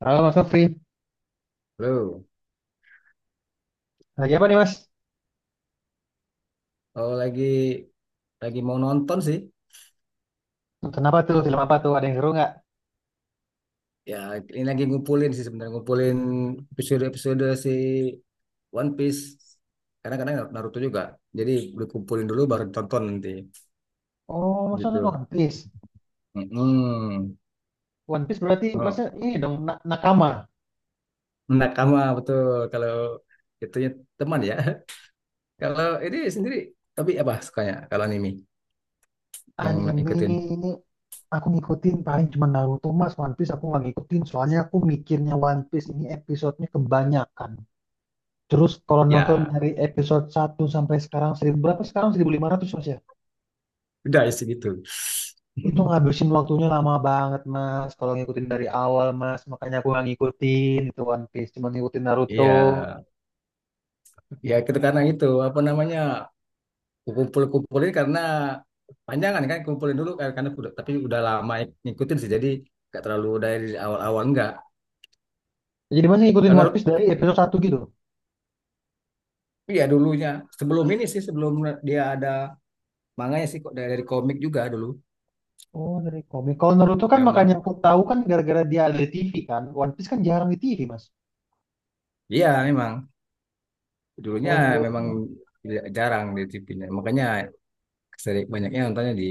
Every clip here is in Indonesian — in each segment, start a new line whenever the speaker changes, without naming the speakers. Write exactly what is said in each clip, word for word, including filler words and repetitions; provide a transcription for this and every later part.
Halo Mas Sofri,
Lu,
lagi apa nih Mas?
Kalau lagi lagi mau nonton sih.
Nonton apa tuh? Film apa tuh? Ada yang seru nggak?
Ya, ini lagi ngumpulin sih, sebenarnya ngumpulin episode-episode si One Piece. Karena kadang Naruto juga. Jadi dikumpulin dulu baru ditonton nanti
Oh, Mas nonton
gitu.
One Piece.
Mm-mm.
One Piece berarti Mas
Oh,
ini dong na- nakama.
nakama betul, kalau itunya teman ya. Kalau ini sendiri, tapi apa sukanya kalau anime yang
Anime
ikutin?
ini aku ngikutin paling cuma Naruto Mas. One Piece aku nggak ngikutin soalnya aku mikirnya One Piece ini episodenya kebanyakan. Terus kalau nonton
Ya,
dari episode satu sampai sekarang seribu berapa, sekarang seribu lima ratus Mas ya?
udah sih gitu.
Itu ngabisin waktunya lama banget Mas. Kalau ngikutin dari awal Mas, makanya aku nggak ngikutin itu One Piece. Cuma ngikutin Naruto.
Iya, ya kita karena itu apa namanya, kumpul-kumpulin karena panjangan kan, kumpulin dulu kan, karena udah, tapi udah lama ya ngikutin sih, jadi nggak terlalu dari awal-awal nggak.
Jadi masih ngikutin
Kalau
One
Ruth,
Piece dari episode satu gitu.
iya dulunya, sebelum ini sih, sebelum dia ada manganya sih kok, dari, dari komik juga dulu.
Oh, dari komik. Kalau Naruto kan makanya
Memang,
aku tahu kan gara-gara dia ada di T V kan. One Piece kan jarang di T V, Mas.
iya memang dulunya
Kalau
memang
Naruto,
tidak jarang di T V -nya. Makanya sering banyaknya nontonnya di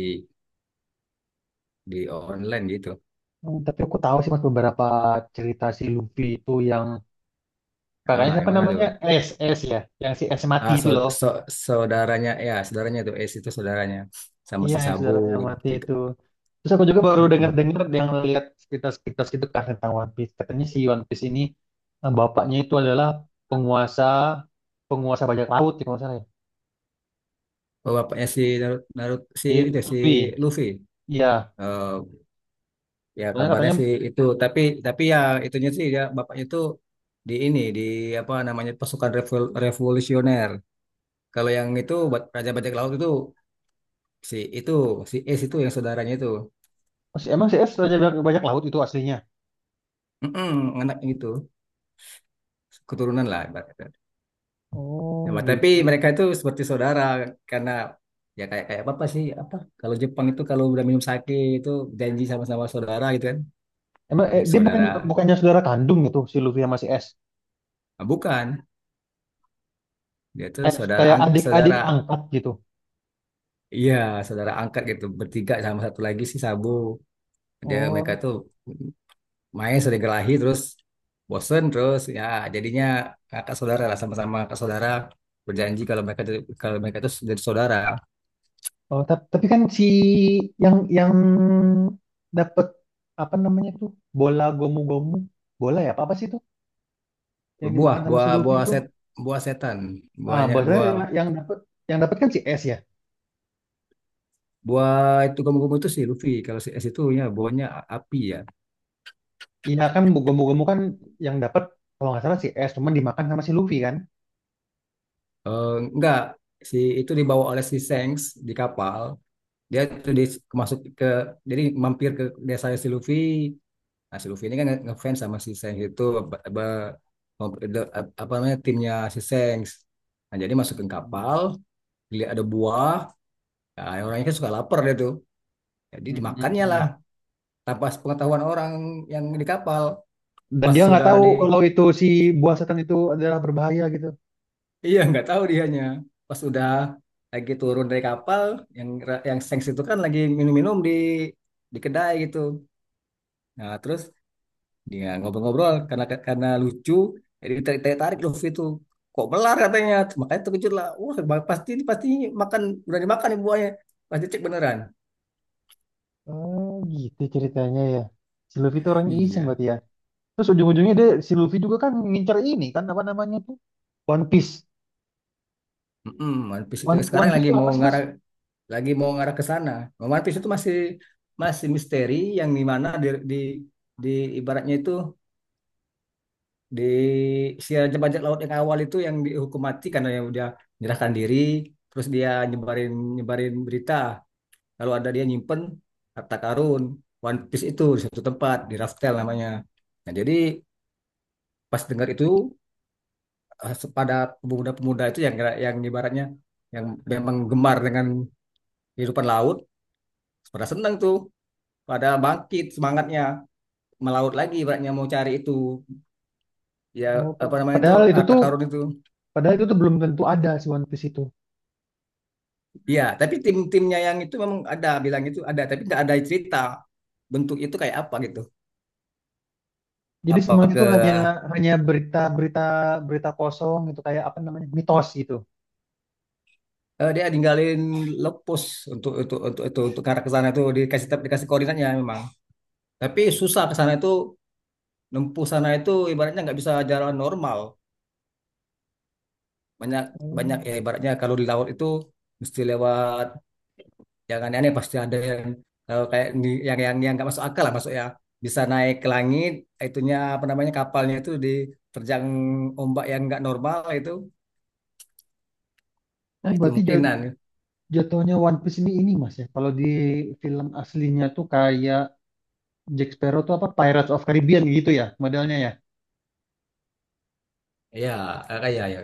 di online gitu.
hmm, tapi aku tahu sih Mas beberapa cerita si Luffy itu yang kakaknya
Ah, yang
siapa
mana
namanya?
tuh?
S, S ya. Yang si S mati
Ah,
itu
so,
loh.
so, saudaranya ya, saudaranya tuh es, itu saudaranya sama
Iya,
si
yang
Sabu
saudaranya mati itu. Terus aku juga baru
gitu.
dengar-dengar yang lihat sekitar-sekitar gitu kan tentang One Piece. Katanya si One Piece ini eh, bapaknya itu adalah penguasa penguasa bajak laut ya kalau nggak salah ya.
Oh, bapaknya si Naruto, Naruto si
Di-
itu, si
Luffy.
Luffy.
Iya.
Eh, ya
Soalnya
kabarnya
katanya
sih itu, tapi tapi ya itunya sih, ya bapaknya itu di ini di apa namanya, pasukan revol- revolusioner. Kalau yang itu buat Raja Bajak Laut itu si itu, si Ace itu, yang saudaranya itu.
si- emang si S Raja Bajak Bajak Laut itu aslinya.
Mm-mm, anak itu keturunan lah ibaratnya.
Oh
Ya, tapi
gitu.
mereka itu seperti saudara, karena ya kayak kayak apa sih, apa, kalau Jepang itu kalau udah minum sake itu janji sama-sama saudara gitu kan.
Emang eh,
Jadi
dia bukan
saudara.
bukannya saudara kandung gitu si Luffy sama si S.
Nah, bukan. Dia tuh
Kayak
saudara
kayak
ang
adik-adik
saudara,
angkat gitu.
iya, saudara angkat gitu. Bertiga sama satu lagi si Sabu. Dia, mereka
Oh,
tuh main sudah gelahi terus, bosen terus, ya jadinya kakak saudara lah, sama-sama kakak saudara, berjanji kalau mereka tuh- kalau mereka itu jadi saudara.
oh tap- tapi kan si yang yang dapat apa namanya tuh, bola gomu-gomu, bola ya apa apa sih itu yang
Buah
dimakan sama si
buah
Luffy
buah
itu,
set Buah setan,
ah
buahnya
bahasanya
buah
yang, yang dapat yang dapat kan si S ya,
Buah itu kamu itu si Luffy, kalau si S itu ya buahnya a- api ya.
iya kan bu- gomu-gomu kan yang dapat kalau nggak salah si S, cuman dimakan sama si Luffy kan.
Eh, enggak, si itu dibawa oleh si Shanks di kapal, dia tuh di, masuk ke, jadi mampir ke desa si Luffy. Nah, si Luffy ini kan nge- ngefans sama si Shanks itu, apa, apa apa namanya, timnya si Shanks. Nah, jadi masukin
Mm-mm.
kapal, lihat ada buah. Nah, orangnya kan suka lapar dia tuh, jadi dimakannya lah,
Mm-mm.
tanpa pengetahuan orang yang di kapal.
Dan
Pas
dia nggak
sudah
tahu
di,
kalau itu si buah setan itu adalah berbahaya gitu.
iya nggak tahu dianya. Pas sudah lagi turun dari kapal, yang yang Shanks itu kan lagi minum-minum di di kedai gitu. Nah, terus dia ngobrol-ngobrol, karena karena lucu, jadi tarik-tarik Luffy itu kok melar katanya. Makanya terkejut lah. Wah, ba- pasti ini, pasti makan, berani makan nih buahnya, pasti cek beneran.
Oh gitu ceritanya ya. Si Luffy itu orangnya iseng
Iya.
berarti ya. Terus ujung-ujungnya dia si Luffy juga kan ngincer ini kan apa namanya tuh? One Piece.
Mm-mm, One Piece itu
One,
sekarang
One Piece
lagi
itu
mau
apa sih Mas?
ngarah, lagi mau ngarah ke sana. One Piece itu masih, masih misteri yang di mana di, di di ibaratnya itu di, si raja bajak laut yang awal itu, yang dihukum mati karena yang udah menyerahkan diri, terus dia nyebarin, nyebarin berita. Lalu ada dia nyimpen harta karun One Piece itu di satu tempat, di Raftel namanya. Nah, jadi pas dengar itu, eh, pada pemuda-pemuda itu yang yang ibaratnya, yang memang gemar dengan kehidupan laut, pada senang tuh, pada bangkit semangatnya melaut lagi, ibaratnya mau cari itu ya,
Oh,
apa
pa-
namanya itu,
padahal itu
harta
tuh
karun itu.
padahal itu tuh belum tentu ada si One Piece itu.
Iya, tapi tim-timnya yang itu memang ada bilang itu ada, tapi nggak ada cerita bentuk itu kayak apa gitu.
Jadi
Apa
semuanya
ke,
itu hanya hanya berita-berita, berita kosong gitu kayak apa namanya, mitos gitu.
eh, dia ninggalin lepus untuk untuk untuk untuk, untuk ke arah ke sana itu, dikasih, dikasih koordinatnya memang. Tapi susah ke sana itu, nempuh sana itu ibaratnya nggak bisa jalan normal. Banyak, banyak
Hmm.
ya, ibaratnya kalau di laut itu mesti lewat yang aneh-aneh, pasti ada yang, eh, kayak ni- yang, yang yang nggak masuk akal lah, masuk ya. Bisa naik ke langit, itunya apa namanya, kapalnya itu diterjang ombak yang nggak normal itu. Nah,
Oh,
itu
berarti jat-
mungkinan.
jatuhnya One Piece ini ini Mas ya. Kalau di film aslinya tuh kayak Jack Sparrow tuh apa Pirates of Caribbean gitu ya modelnya ya.
Iya, ya, kayak ya ya,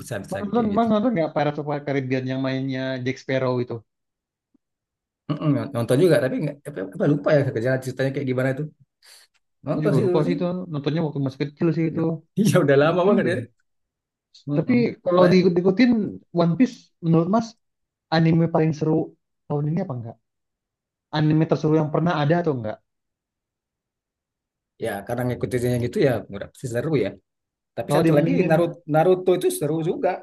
bisa, bisa
Mas nonton,
kayak
mas
gitu.
nonton nggak Pirates of Caribbean yang mainnya Jack Sparrow itu?
Mm-mm, nonton juga, tapi nggak apa, apa lupa ya, kerjaan ceritanya kayak gimana itu,
Aku
nonton
juga
sih
lupa
dulu
sih
sih.
itu, nontonnya waktu masih kecil sih itu.
Iya, udah
Keren
lama banget
juga
ya.
ya. Tapi
Mm-mm.
kalau
But,
diikut-ikutin, One Piece menurut Mas anime paling seru tahun ini apa enggak? Anime terseru yang pernah ada atau enggak?
ya karena ngikutinnya gitu ya udah pasti seru ya, tapi
Kalau
satu lagi
dibandingin
Naruto, Naruto itu seru juga.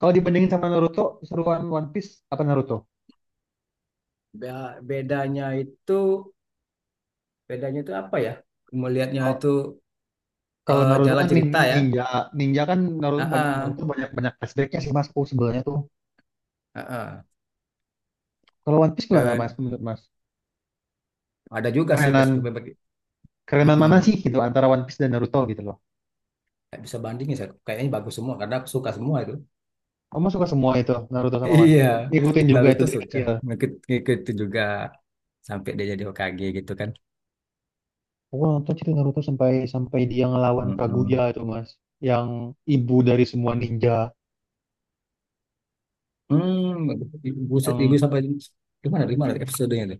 kalau dibandingin sama Naruto, seruan One Piece apa Naruto?
Be- bedanya itu, bedanya itu apa ya, melihatnya
Kalau
itu,
kalau
eh,
Naruto
jalan
kan
cerita
nin-
ya.
ninja, ninja, kan Naruto banyak
Heeh,
Naruto banyak banyak flashbacknya sih Mas. Oh, sebenarnya tuh.
heeh.
Kalau One Piece gimana Mas,
Dan
menurut Mas
ada juga sih perspektif
kerenan
berbagi.
kerenan
Mm-mm.
mana sih gitu antara One Piece dan Naruto gitu loh.
Nggak bisa bandingin saya, kayaknya bagus semua karena aku suka semua itu.
Kamu suka semua itu, Naruto sama One
Iya,
Piece. Ngikutin juga itu
Naruto
dari
suka.
kecil.
Ngikut, ngikut itu juga sampai dia jadi Hokage gitu kan.
Aku nonton cerita Naruto sampai sampai dia ngelawan
Mm-mm.
Kaguya itu Mas, yang ibu dari semua ninja,
Hmm, buset, ibu
yang
sampai gimana? Gimana episodenya tuh?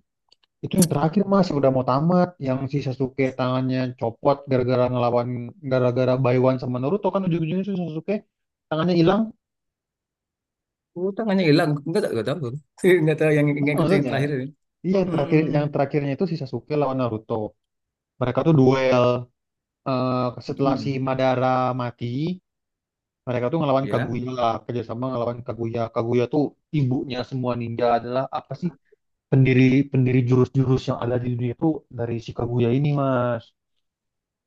itu yang terakhir Mas udah mau tamat, yang si Sasuke tangannya copot gara-gara ngelawan gara-gara Baiwan sama Naruto kan ujung-ujungnya si Sasuke tangannya hilang.
Oh, tangannya hilang. Enggak tahu, enggak tahu. Enggak tahu yang yang ikut yang terakhir
Maksudnya.
ini.
Iya yang terakhir yang
Mm-mm.
terakhirnya itu si Sasuke lawan Naruto. Mereka tuh duel, eh, setelah si
Mm-mm.
Madara mati, mereka tuh ngelawan
Ya.
Kaguya, kerjasama ngelawan Kaguya. Kaguya tuh ibunya semua ninja, adalah apa sih? Pendiri pendiri jurus-jurus yang ada di dunia itu dari si Kaguya ini, Mas.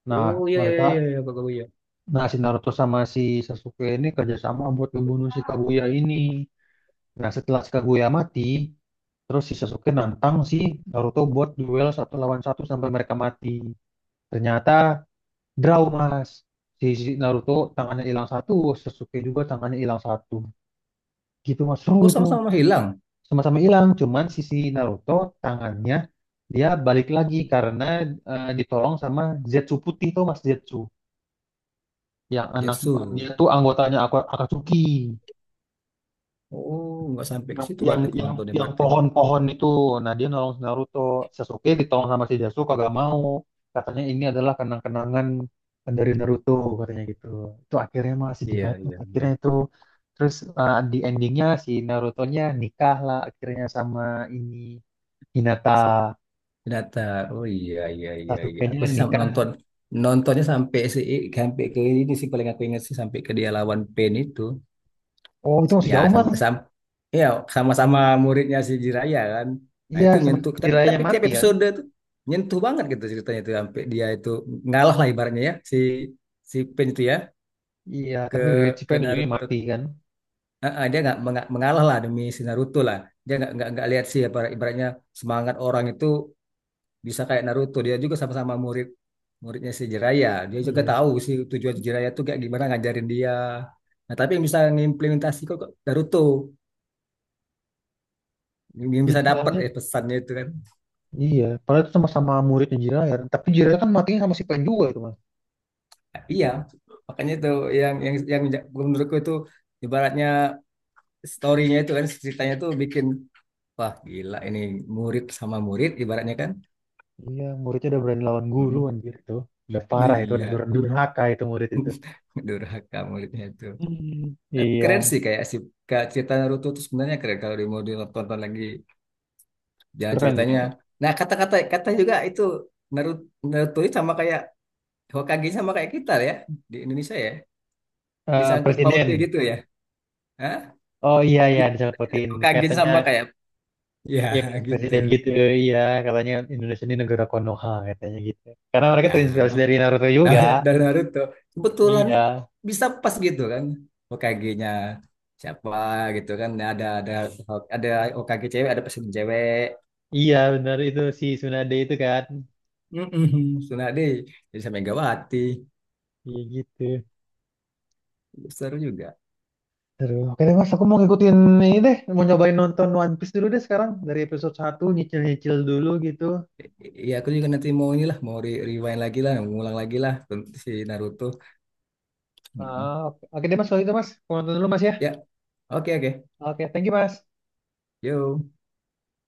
Nah,
Oh iya iya iya
mereka,
iya Pak Bowo, iya.
nah si Naruto sama si Sasuke ini kerjasama buat membunuh si Kaguya ini. Nah, setelah si Kaguya mati, terus si Sasuke nantang si Naruto buat duel satu lawan satu sampai mereka mati. Ternyata draw Mas. Si, si Naruto tangannya hilang satu, Sasuke juga tangannya hilang satu. Gitu Mas, seru
Oh,
itu.
sama-sama hilang.
Sama-sama hilang, cuman si si Naruto tangannya dia balik lagi karena eh, ditolong sama Zetsu putih tuh Mas, Zetsu. Yang anak,
Jetsu.
dia tuh anggotanya Ak- Akatsuki.
Oh, nggak sampai ke
yang
situ
yang
berarti aku
yang
nontonnya
yang
berarti.
pohon-pohon itu, nah dia nolong si Naruto, Sasuke ditolong sama si Sasuke gak mau, katanya ini adalah kenang-kenangan dari Naruto, katanya gitu. Itu akhirnya masih
Iya
dibantu
iya iya.
akhirnya itu, terus eh, di endingnya si Naruto-nya nikah lah akhirnya sama ini, Hinata.
Data. Oh iya iya iya iya.
Sasuke-nya
Aku sam
nikah.
nonton, nontonnya sampai si, sampai ke ini sih, paling aku ingat sih sampai ke dia lawan Pain itu.
Oh itu masih
Ya
jauh
sama
Mas.
sama, ya sama-sama muridnya si Jiraya kan. Nah
Iya,
itu
sama
nyentuh, tapi
Jiraiya
tapi tiap
mati kan.
episode tuh nyentuh banget gitu ceritanya, itu sampai dia itu ngalah lah ibaratnya ya, si, si Pain itu ya,
Iya
ke
tapi si
ke
pengen ujungnya
Naruto.
mati kan,
Ah, ah, dia nggak menga- mengalah lah demi si Naruto lah. Dia nggak nggak nggak lihat sih apa ibaratnya semangat orang itu bisa kayak Naruto, dia juga sama-sama murid, muridnya si Jiraiya, dia juga
iya.
tahu sih tujuan Jiraiya tuh kayak gimana ngajarin dia. Nah tapi yang bisa ngimplementasi kok kok Naruto, yang bisa
Iya,
dapat
soalnya,
ya pesannya itu kan.
iya, padahal itu sama-sama muridnya Jiraiya. Tapi Jiraiya kan matinya sama si Pen juga itu, Mas.
Nah, iya, makanya itu yang, yang yang ja, menurutku itu ibaratnya storynya itu kan ceritanya tuh bikin wah, gila ini, murid sama murid ibaratnya kan.
Iya, muridnya udah berani lawan guru
Mm-mm.
anjir itu. Udah parah itu, udah
Iya,
dur- durhaka itu murid itu.
durhaka muridnya itu.
Hmm,
Tapi keren
iya,
sih, kayak si, kayak cerita Naruto tuh sebenarnya keren kalau di mau ditonton lagi jalan
keren
ceritanya.
sih.
Nah, kata-kata, kata juga itu Naruto, Naruto ini sama kayak Hokage, sama kayak kita ya, di Indonesia ya.
Eh,
Disangkut pautnya
presiden.
gitu ya. Hah?
Oh iya iya,
Ya,
disapotin.
Hokage
Katanya
sama kayak ya
ya,
gitu.
presiden gitu. Iya, katanya Indonesia ini negara Konoha katanya gitu. Karena mereka terinspirasi
Ya,
dari Naruto juga.
dari Naruto, kebetulan
Iya.
bisa pas gitu kan. Hokage-nya siapa gitu kan. Nah, ada ada ada Hokage cewek, ada presiden cewek.
Iya, benar itu si Tsunade itu kan.
Mm-mm, Tsunade, jadi sama Megawati.
Iya gitu.
Seru juga.
Aduh, oke deh Mas, aku mau ngikutin ini deh, mau nyobain nonton One Piece dulu deh sekarang, dari episode satu, nyicil-nyicil dulu gitu.
Iya, aku juga nanti mau inilah, mau re- rewind lagi lah, ngulang lagi lah tentang si Naruto. Mm-mm.
Ah, oke. Oke deh Mas, kalau gitu Mas, aku nonton dulu Mas ya.
Ya, oke oke.
Oke, thank you Mas.
Yo.